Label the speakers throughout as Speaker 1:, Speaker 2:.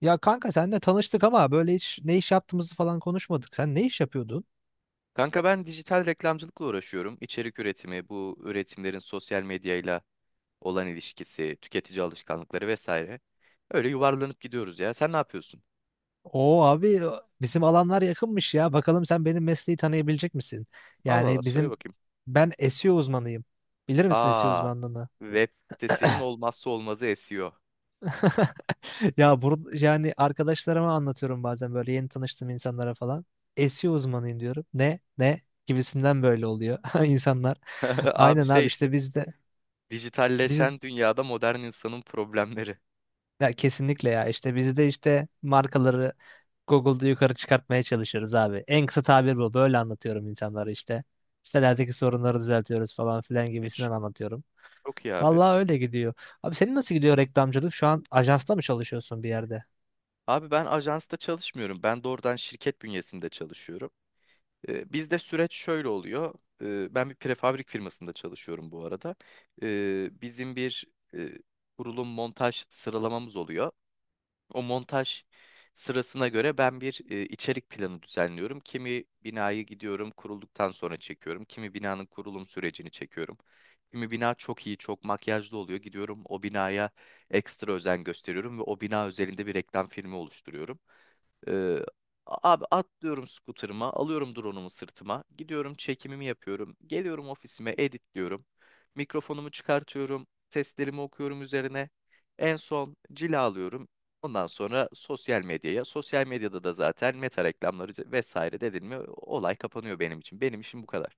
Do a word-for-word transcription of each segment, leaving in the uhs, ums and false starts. Speaker 1: Ya kanka senle tanıştık ama böyle hiç ne iş yaptığımızı falan konuşmadık. Sen ne iş yapıyordun?
Speaker 2: Kanka ben dijital reklamcılıkla uğraşıyorum. İçerik üretimi, bu üretimlerin sosyal medyayla olan ilişkisi, tüketici alışkanlıkları vesaire. Öyle yuvarlanıp gidiyoruz ya. Sen ne yapıyorsun?
Speaker 1: Oo abi e, bizim alanlar yakınmış ya. Bakalım sen benim mesleği tanıyabilecek misin?
Speaker 2: Allah Allah
Speaker 1: Yani
Speaker 2: söyle
Speaker 1: bizim
Speaker 2: bakayım.
Speaker 1: Ben S E O uzmanıyım. Bilir misin S E O
Speaker 2: Aa,
Speaker 1: uzmanlığını?
Speaker 2: web sitesinin olmazsa olmazı S E O.
Speaker 1: Ya burada yani arkadaşlarıma anlatıyorum bazen böyle yeni tanıştığım insanlara falan. S E O uzmanıyım diyorum. Ne? Ne? Gibisinden böyle oluyor insanlar.
Speaker 2: Abi
Speaker 1: Aynen
Speaker 2: şey
Speaker 1: abi
Speaker 2: işte.
Speaker 1: işte biz de biz
Speaker 2: Dijitalleşen dünyada modern insanın problemleri.
Speaker 1: ya kesinlikle ya, işte biz de işte markaları Google'da yukarı çıkartmaya çalışıyoruz abi. En kısa tabir bu. Böyle anlatıyorum insanlara işte. Sitelerdeki sorunları düzeltiyoruz falan filan
Speaker 2: Hiç.
Speaker 1: gibisinden anlatıyorum.
Speaker 2: Çok iyi abi.
Speaker 1: Vallahi öyle gidiyor. Abi senin nasıl gidiyor reklamcılık? Şu an ajansta mı çalışıyorsun bir yerde?
Speaker 2: Abi ben ajansta çalışmıyorum. Ben doğrudan şirket bünyesinde çalışıyorum. E, Bizde süreç şöyle oluyor. E, Ben bir prefabrik firmasında çalışıyorum bu arada. E, Bizim bir e, kurulum montaj sıralamamız oluyor. O montaj sırasına göre ben bir e, içerik planı düzenliyorum. Kimi binayı gidiyorum kurulduktan sonra çekiyorum. Kimi binanın kurulum sürecini çekiyorum. Kimi bina çok iyi, çok makyajlı oluyor. Gidiyorum o binaya ekstra özen gösteriyorum ve o bina özelinde bir reklam filmi oluşturuyorum. Ee, abi atlıyorum scooter'ıma, alıyorum drone'umu sırtıma, gidiyorum çekimimi yapıyorum, geliyorum ofisime editliyorum, mikrofonumu çıkartıyorum, seslerimi okuyorum üzerine, en son cilalıyorum. Ondan sonra sosyal medyaya, sosyal medyada da zaten meta reklamları vesaire dedin mi olay kapanıyor benim için. Benim işim bu kadar.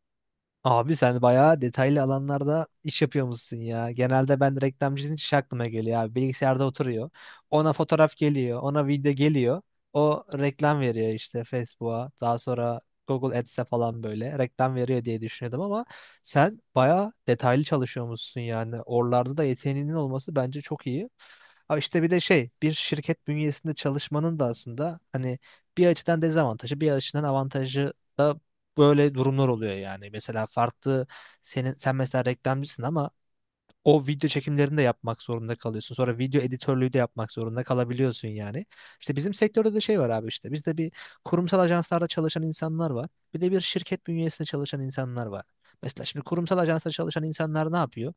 Speaker 1: Abi sen bayağı detaylı alanlarda iş yapıyormuşsun ya. Genelde ben reklamcının hiç aklıma geliyor abi. Bilgisayarda oturuyor. Ona fotoğraf geliyor. Ona video geliyor. O reklam veriyor işte Facebook'a. Daha sonra Google Ads'e falan böyle reklam veriyor diye düşünüyordum ama sen bayağı detaylı çalışıyormuşsun yani. Oralarda da yeteneğinin olması bence çok iyi. Ha işte bir de şey, bir şirket bünyesinde çalışmanın da aslında hani bir açıdan dezavantajı bir açıdan avantajı da böyle durumlar oluyor yani. Mesela farklı, senin sen mesela reklamcısın ama o video çekimlerini de yapmak zorunda kalıyorsun. Sonra video editörlüğü de yapmak zorunda kalabiliyorsun yani. İşte bizim sektörde de şey var abi, işte bizde bir kurumsal ajanslarda çalışan insanlar var. Bir de bir şirket bünyesinde çalışan insanlar var. Mesela şimdi kurumsal ajanslarda çalışan insanlar ne yapıyor?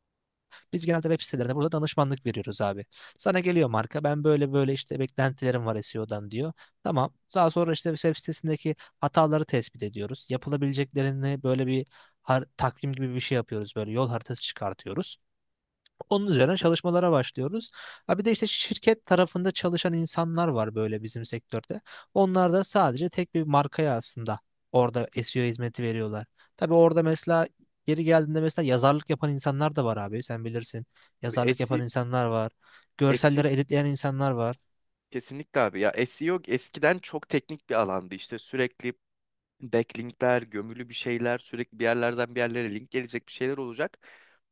Speaker 1: Biz genelde web sitelerinde burada danışmanlık veriyoruz abi. Sana geliyor marka, ben böyle böyle işte beklentilerim var S E O'dan diyor. Tamam. Daha sonra işte web sitesindeki hataları tespit ediyoruz. Yapılabileceklerini böyle bir har- takvim gibi bir şey yapıyoruz. Böyle yol haritası çıkartıyoruz. Onun üzerine çalışmalara başlıyoruz. Ha bir de işte şirket tarafında çalışan insanlar var böyle bizim sektörde. Onlar da sadece tek bir markaya aslında orada S E O hizmeti veriyorlar. Tabii orada mesela geri geldiğinde mesela yazarlık yapan insanlar da var abi, sen bilirsin. Yazarlık yapan
Speaker 2: SEO,
Speaker 1: insanlar var.
Speaker 2: SEO
Speaker 1: Görselleri editleyen insanlar var.
Speaker 2: kesinlikle abi ya S E O eskiden çok teknik bir alandı işte sürekli backlinkler, gömülü bir şeyler, sürekli bir yerlerden bir yerlere link gelecek bir şeyler olacak.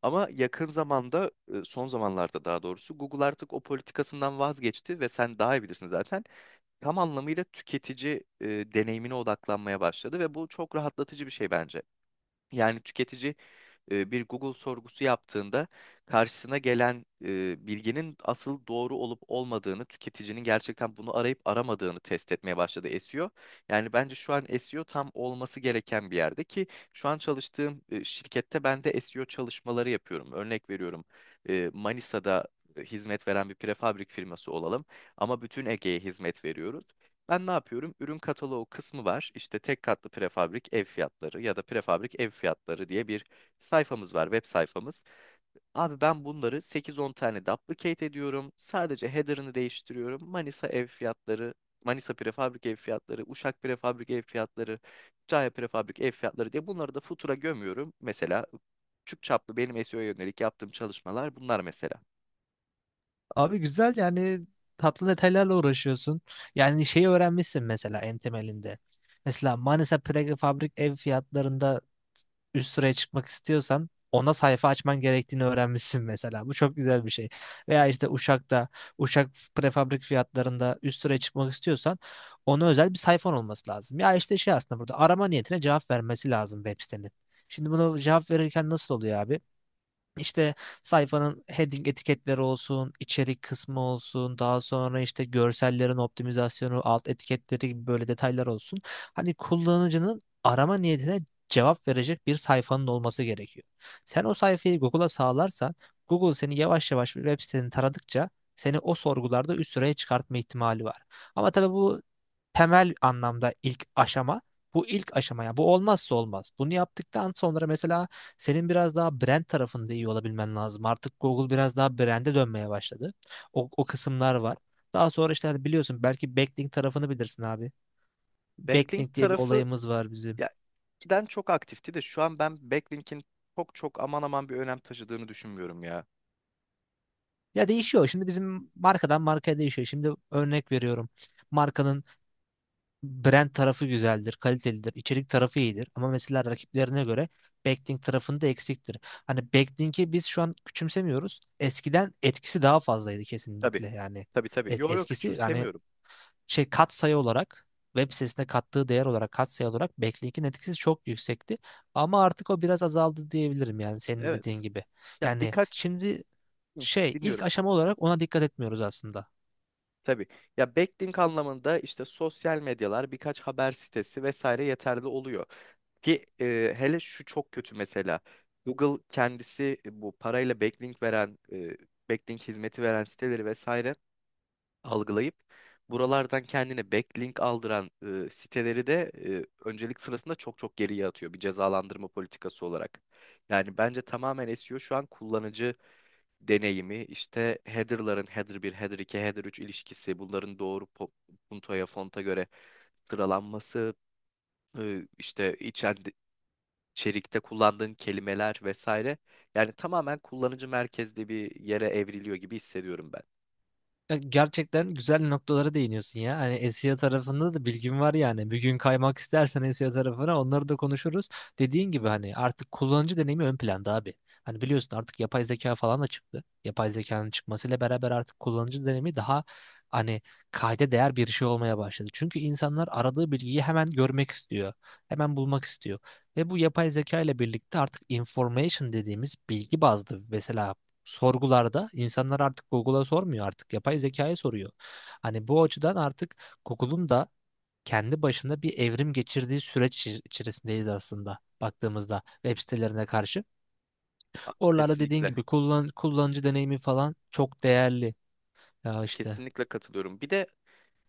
Speaker 2: Ama yakın zamanda, e, son zamanlarda daha doğrusu Google artık o politikasından vazgeçti ve sen daha iyi bilirsin zaten. Tam anlamıyla tüketici e, deneyimine odaklanmaya başladı ve bu çok rahatlatıcı bir şey bence. Yani tüketici e, bir Google sorgusu yaptığında karşısına gelen e, bilginin asıl doğru olup olmadığını, tüketicinin gerçekten bunu arayıp aramadığını test etmeye başladı S E O. Yani bence şu an S E O tam olması gereken bir yerde ki şu an çalıştığım e, şirkette ben de S E O çalışmaları yapıyorum. Örnek veriyorum e, Manisa'da e, hizmet veren bir prefabrik firması olalım ama bütün Ege'ye hizmet veriyoruz. Ben ne yapıyorum? Ürün kataloğu kısmı var. İşte tek katlı prefabrik ev fiyatları ya da prefabrik ev fiyatları diye bir sayfamız var, web sayfamız. Abi ben bunları sekiz on tane duplicate ediyorum. Sadece header'ını değiştiriyorum. Manisa ev fiyatları, Manisa prefabrik ev fiyatları, Uşak prefabrik ev fiyatları, Kütahya prefabrik ev fiyatları diye bunları da futura gömüyorum. Mesela küçük çaplı benim S E O'ya yönelik yaptığım çalışmalar bunlar mesela.
Speaker 1: Abi güzel yani, tatlı detaylarla uğraşıyorsun. Yani şeyi öğrenmişsin mesela en temelinde. Mesela Manisa prefabrik ev fiyatlarında üst sıraya çıkmak istiyorsan ona sayfa açman gerektiğini öğrenmişsin mesela. Bu çok güzel bir şey. Veya işte Uşak'ta, Uşak prefabrik fiyatlarında üst sıraya çıkmak istiyorsan ona özel bir sayfan olması lazım. Ya işte şey, aslında burada arama niyetine cevap vermesi lazım web sitenin. Şimdi bunu cevap verirken nasıl oluyor abi? İşte sayfanın heading etiketleri olsun, içerik kısmı olsun, daha sonra işte görsellerin optimizasyonu, alt etiketleri gibi böyle detaylar olsun. Hani kullanıcının arama niyetine cevap verecek bir sayfanın olması gerekiyor. Sen o sayfayı Google'a sağlarsan, Google seni yavaş yavaş bir web siteni taradıkça seni o sorgularda üst sıraya çıkartma ihtimali var. Ama tabii bu temel anlamda ilk aşama. Bu ilk aşama ya. Bu olmazsa olmaz. Bunu yaptıktan sonra mesela senin biraz daha brand tarafında iyi olabilmen lazım. Artık Google biraz daha brand'e dönmeye başladı. O, o kısımlar var. Daha sonra işte hani biliyorsun belki backlink tarafını bilirsin abi.
Speaker 2: Backlink
Speaker 1: Backlink diye bir
Speaker 2: tarafı
Speaker 1: olayımız var bizim.
Speaker 2: ya giden çok aktifti de şu an ben backlink'in çok çok aman aman bir önem taşıdığını düşünmüyorum ya.
Speaker 1: Ya değişiyor. Şimdi bizim markadan markaya değişiyor. Şimdi örnek veriyorum. Markanın brand tarafı güzeldir, kalitelidir, içerik tarafı iyidir. Ama mesela rakiplerine göre backlink tarafında eksiktir. Hani backlink'i biz şu an küçümsemiyoruz. Eskiden etkisi daha fazlaydı
Speaker 2: Tabii.
Speaker 1: kesinlikle yani.
Speaker 2: Tabii, tabii.
Speaker 1: Et,
Speaker 2: Yo, yo,
Speaker 1: etkisi yani
Speaker 2: küçümsemiyorum.
Speaker 1: şey, katsayı olarak web sitesine kattığı değer olarak, katsayı olarak backlink'in etkisi çok yüksekti. Ama artık o biraz azaldı diyebilirim yani senin de
Speaker 2: Evet.
Speaker 1: dediğin gibi.
Speaker 2: Ya
Speaker 1: Yani
Speaker 2: birkaç.
Speaker 1: şimdi
Speaker 2: Hı,
Speaker 1: şey, ilk
Speaker 2: dinliyorum.
Speaker 1: aşama olarak ona dikkat etmiyoruz aslında.
Speaker 2: Tabii. Ya backlink anlamında işte sosyal medyalar, birkaç haber sitesi vesaire yeterli oluyor. Ki e, hele şu çok kötü mesela. Google kendisi e, bu parayla backlink veren, e, backlink hizmeti veren siteleri vesaire algılayıp buralardan kendine backlink aldıran e, siteleri de e, öncelik sırasında çok çok geriye atıyor bir cezalandırma politikası olarak. Yani bence tamamen S E O şu an kullanıcı deneyimi işte header'ların header bir header iki header üç ilişkisi, bunların doğru po- puntoya, fonta göre sıralanması, e, işte içen içerikte kullandığın kelimeler vesaire. Yani tamamen kullanıcı merkezli bir yere evriliyor gibi hissediyorum ben.
Speaker 1: E, Gerçekten güzel noktalara değiniyorsun ya. Hani S E O tarafında da bilgim var yani. Bir gün kaymak istersen S E O tarafına onları da konuşuruz. Dediğin gibi hani artık kullanıcı deneyimi ön planda abi. Hani biliyorsun artık yapay zeka falan da çıktı. Yapay zekanın çıkmasıyla beraber artık kullanıcı deneyimi daha hani kayda değer bir şey olmaya başladı. Çünkü insanlar aradığı bilgiyi hemen görmek istiyor. Hemen bulmak istiyor. Ve bu yapay zeka ile birlikte artık information dediğimiz bilgi bazlı mesela sorgularda insanlar artık Google'a sormuyor, artık yapay zekaya soruyor. Hani bu açıdan artık Google'un da kendi başına bir evrim geçirdiği süreç içi- içerisindeyiz aslında baktığımızda web sitelerine karşı.
Speaker 2: A-
Speaker 1: Oralarda dediğin
Speaker 2: Kesinlikle.
Speaker 1: gibi kullan, kullanıcı deneyimi falan çok değerli. Ya işte
Speaker 2: Kesinlikle katılıyorum. Bir de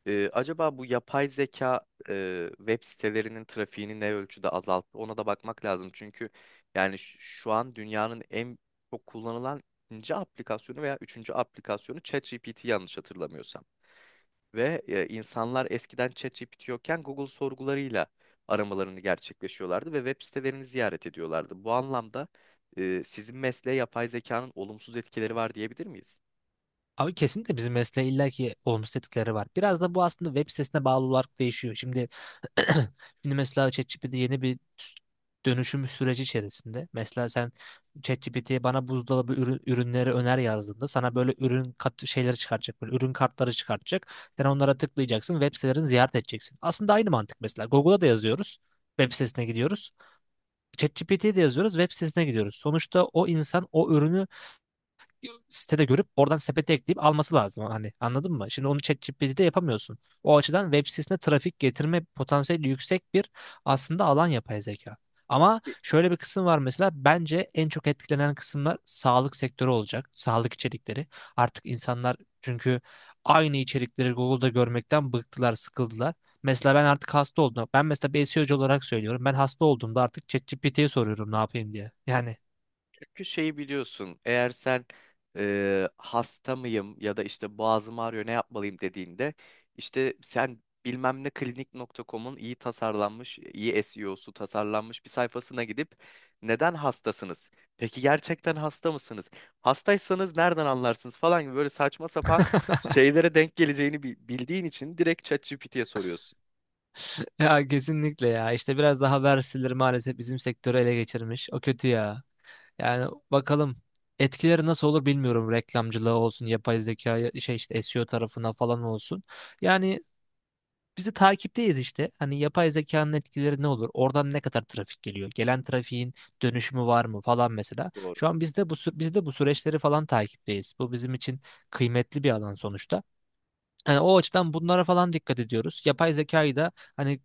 Speaker 2: Ee, acaba bu yapay zeka e, web sitelerinin trafiğini ne ölçüde azalttı? Ona da bakmak lazım. Çünkü yani ş- şu an dünyanın en çok kullanılan ikinci aplikasyonu veya üçüncü aplikasyonu ChatGPT yanlış hatırlamıyorsam. Ve e, insanlar eskiden ChatGPT yokken Google sorgularıyla aramalarını gerçekleşiyorlardı ve web sitelerini ziyaret ediyorlardı. Bu anlamda e, sizin mesleğe yapay zekanın olumsuz etkileri var diyebilir miyiz?
Speaker 1: abi kesinlikle bizim mesleğe illaki olumsuz etkileri var. Biraz da bu aslında web sitesine bağlı olarak değişiyor. Şimdi şimdi mesela ChatGPT yeni bir dönüşüm süreci içerisinde. Mesela sen ChatGPT'ye bana buzdolabı ürün- ürünleri öner yazdığında sana böyle ürün kat şeyleri çıkartacak, böyle ürün kartları çıkartacak. Sen onlara tıklayacaksın, web sitelerini ziyaret edeceksin. Aslında aynı mantık mesela. Google'a da yazıyoruz. Web sitesine gidiyoruz. ChatGPT'ye de yazıyoruz, web sitesine gidiyoruz. Sonuçta o insan o ürünü sitede görüp oradan sepete ekleyip alması lazım. Hani anladın mı? Şimdi onu ChatGPT'de yapamıyorsun. O açıdan web sitesine trafik getirme potansiyeli yüksek bir aslında alan yapay zeka. Ama şöyle bir kısım var, mesela bence en çok etkilenen kısımlar sağlık sektörü olacak. Sağlık içerikleri. Artık insanlar, çünkü aynı içerikleri Google'da görmekten bıktılar, sıkıldılar. Mesela ben artık hasta oldum. Ben mesela bir S E O'cu olarak söylüyorum. Ben hasta olduğumda artık ChatGPT'ye soruyorum ne yapayım diye. Yani
Speaker 2: Çünkü şeyi biliyorsun. Eğer sen e, hasta mıyım ya da işte boğazım ağrıyor ne yapmalıyım dediğinde işte sen bilmem ne klinik nokta com'un iyi tasarlanmış, iyi S E O'su tasarlanmış bir sayfasına gidip neden hastasınız? Peki gerçekten hasta mısınız? Hastaysanız nereden anlarsınız falan gibi böyle saçma sapan şeylere denk geleceğini bi- bildiğin için direkt ChatGPT'ye soruyorsun.
Speaker 1: ya kesinlikle ya. İşte biraz daha verseler maalesef bizim sektörü ele geçirmiş. O kötü ya. Yani bakalım etkileri nasıl olur bilmiyorum. Reklamcılığa olsun, yapay zeka ya- şey işte S E O tarafına falan olsun. Yani bizi takipteyiz işte. Hani yapay zekanın etkileri ne olur? Oradan ne kadar trafik geliyor? Gelen trafiğin dönüşümü var mı falan mesela.
Speaker 2: Doğru.
Speaker 1: Şu an biz de bu sü- biz de bu süreçleri falan takipteyiz. Bu bizim için kıymetli bir alan sonuçta. Yani o açıdan bunlara falan dikkat ediyoruz. Yapay zekayı da hani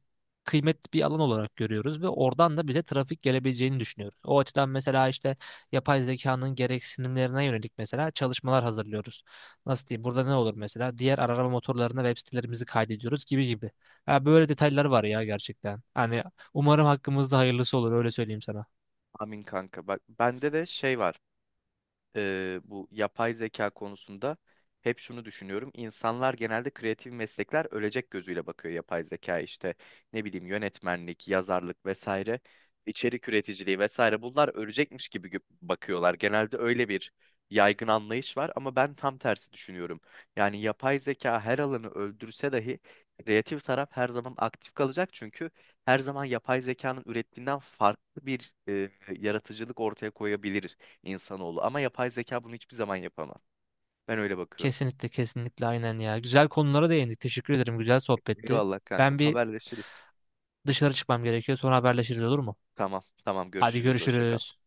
Speaker 1: kıymetli bir alan olarak görüyoruz ve oradan da bize trafik gelebileceğini düşünüyoruz. O açıdan mesela işte yapay zekanın gereksinimlerine yönelik mesela çalışmalar hazırlıyoruz. Nasıl diyeyim? Burada ne olur mesela? Diğer arama motorlarına web sitelerimizi kaydediyoruz gibi gibi. Ya böyle detaylar var ya gerçekten. Hani umarım hakkımızda hayırlısı olur, öyle söyleyeyim sana.
Speaker 2: Amin kanka. Bak bende de şey var. e, bu yapay zeka konusunda hep şunu düşünüyorum. İnsanlar genelde kreatif meslekler ölecek gözüyle bakıyor yapay zeka işte ne bileyim yönetmenlik, yazarlık vesaire, içerik üreticiliği vesaire bunlar ölecekmiş gibi gö- bakıyorlar. Genelde öyle bir yaygın anlayış var ama ben tam tersi düşünüyorum. Yani yapay zeka her alanı öldürse dahi kreatif taraf her zaman aktif kalacak çünkü her zaman yapay zekanın ürettiğinden farklı bir e, yaratıcılık ortaya koyabilir insanoğlu. Ama yapay zeka bunu hiçbir zaman yapamaz. Ben öyle bakıyorum.
Speaker 1: Kesinlikle kesinlikle aynen ya. Güzel konulara değindik. Teşekkür ederim. Güzel sohbetti.
Speaker 2: Eyvallah kankam.
Speaker 1: Ben bir
Speaker 2: Haberleşiriz.
Speaker 1: dışarı çıkmam gerekiyor. Sonra haberleşiriz olur mu?
Speaker 2: Tamam, tamam
Speaker 1: Hadi
Speaker 2: görüşürüz. Hoşça kal.
Speaker 1: görüşürüz.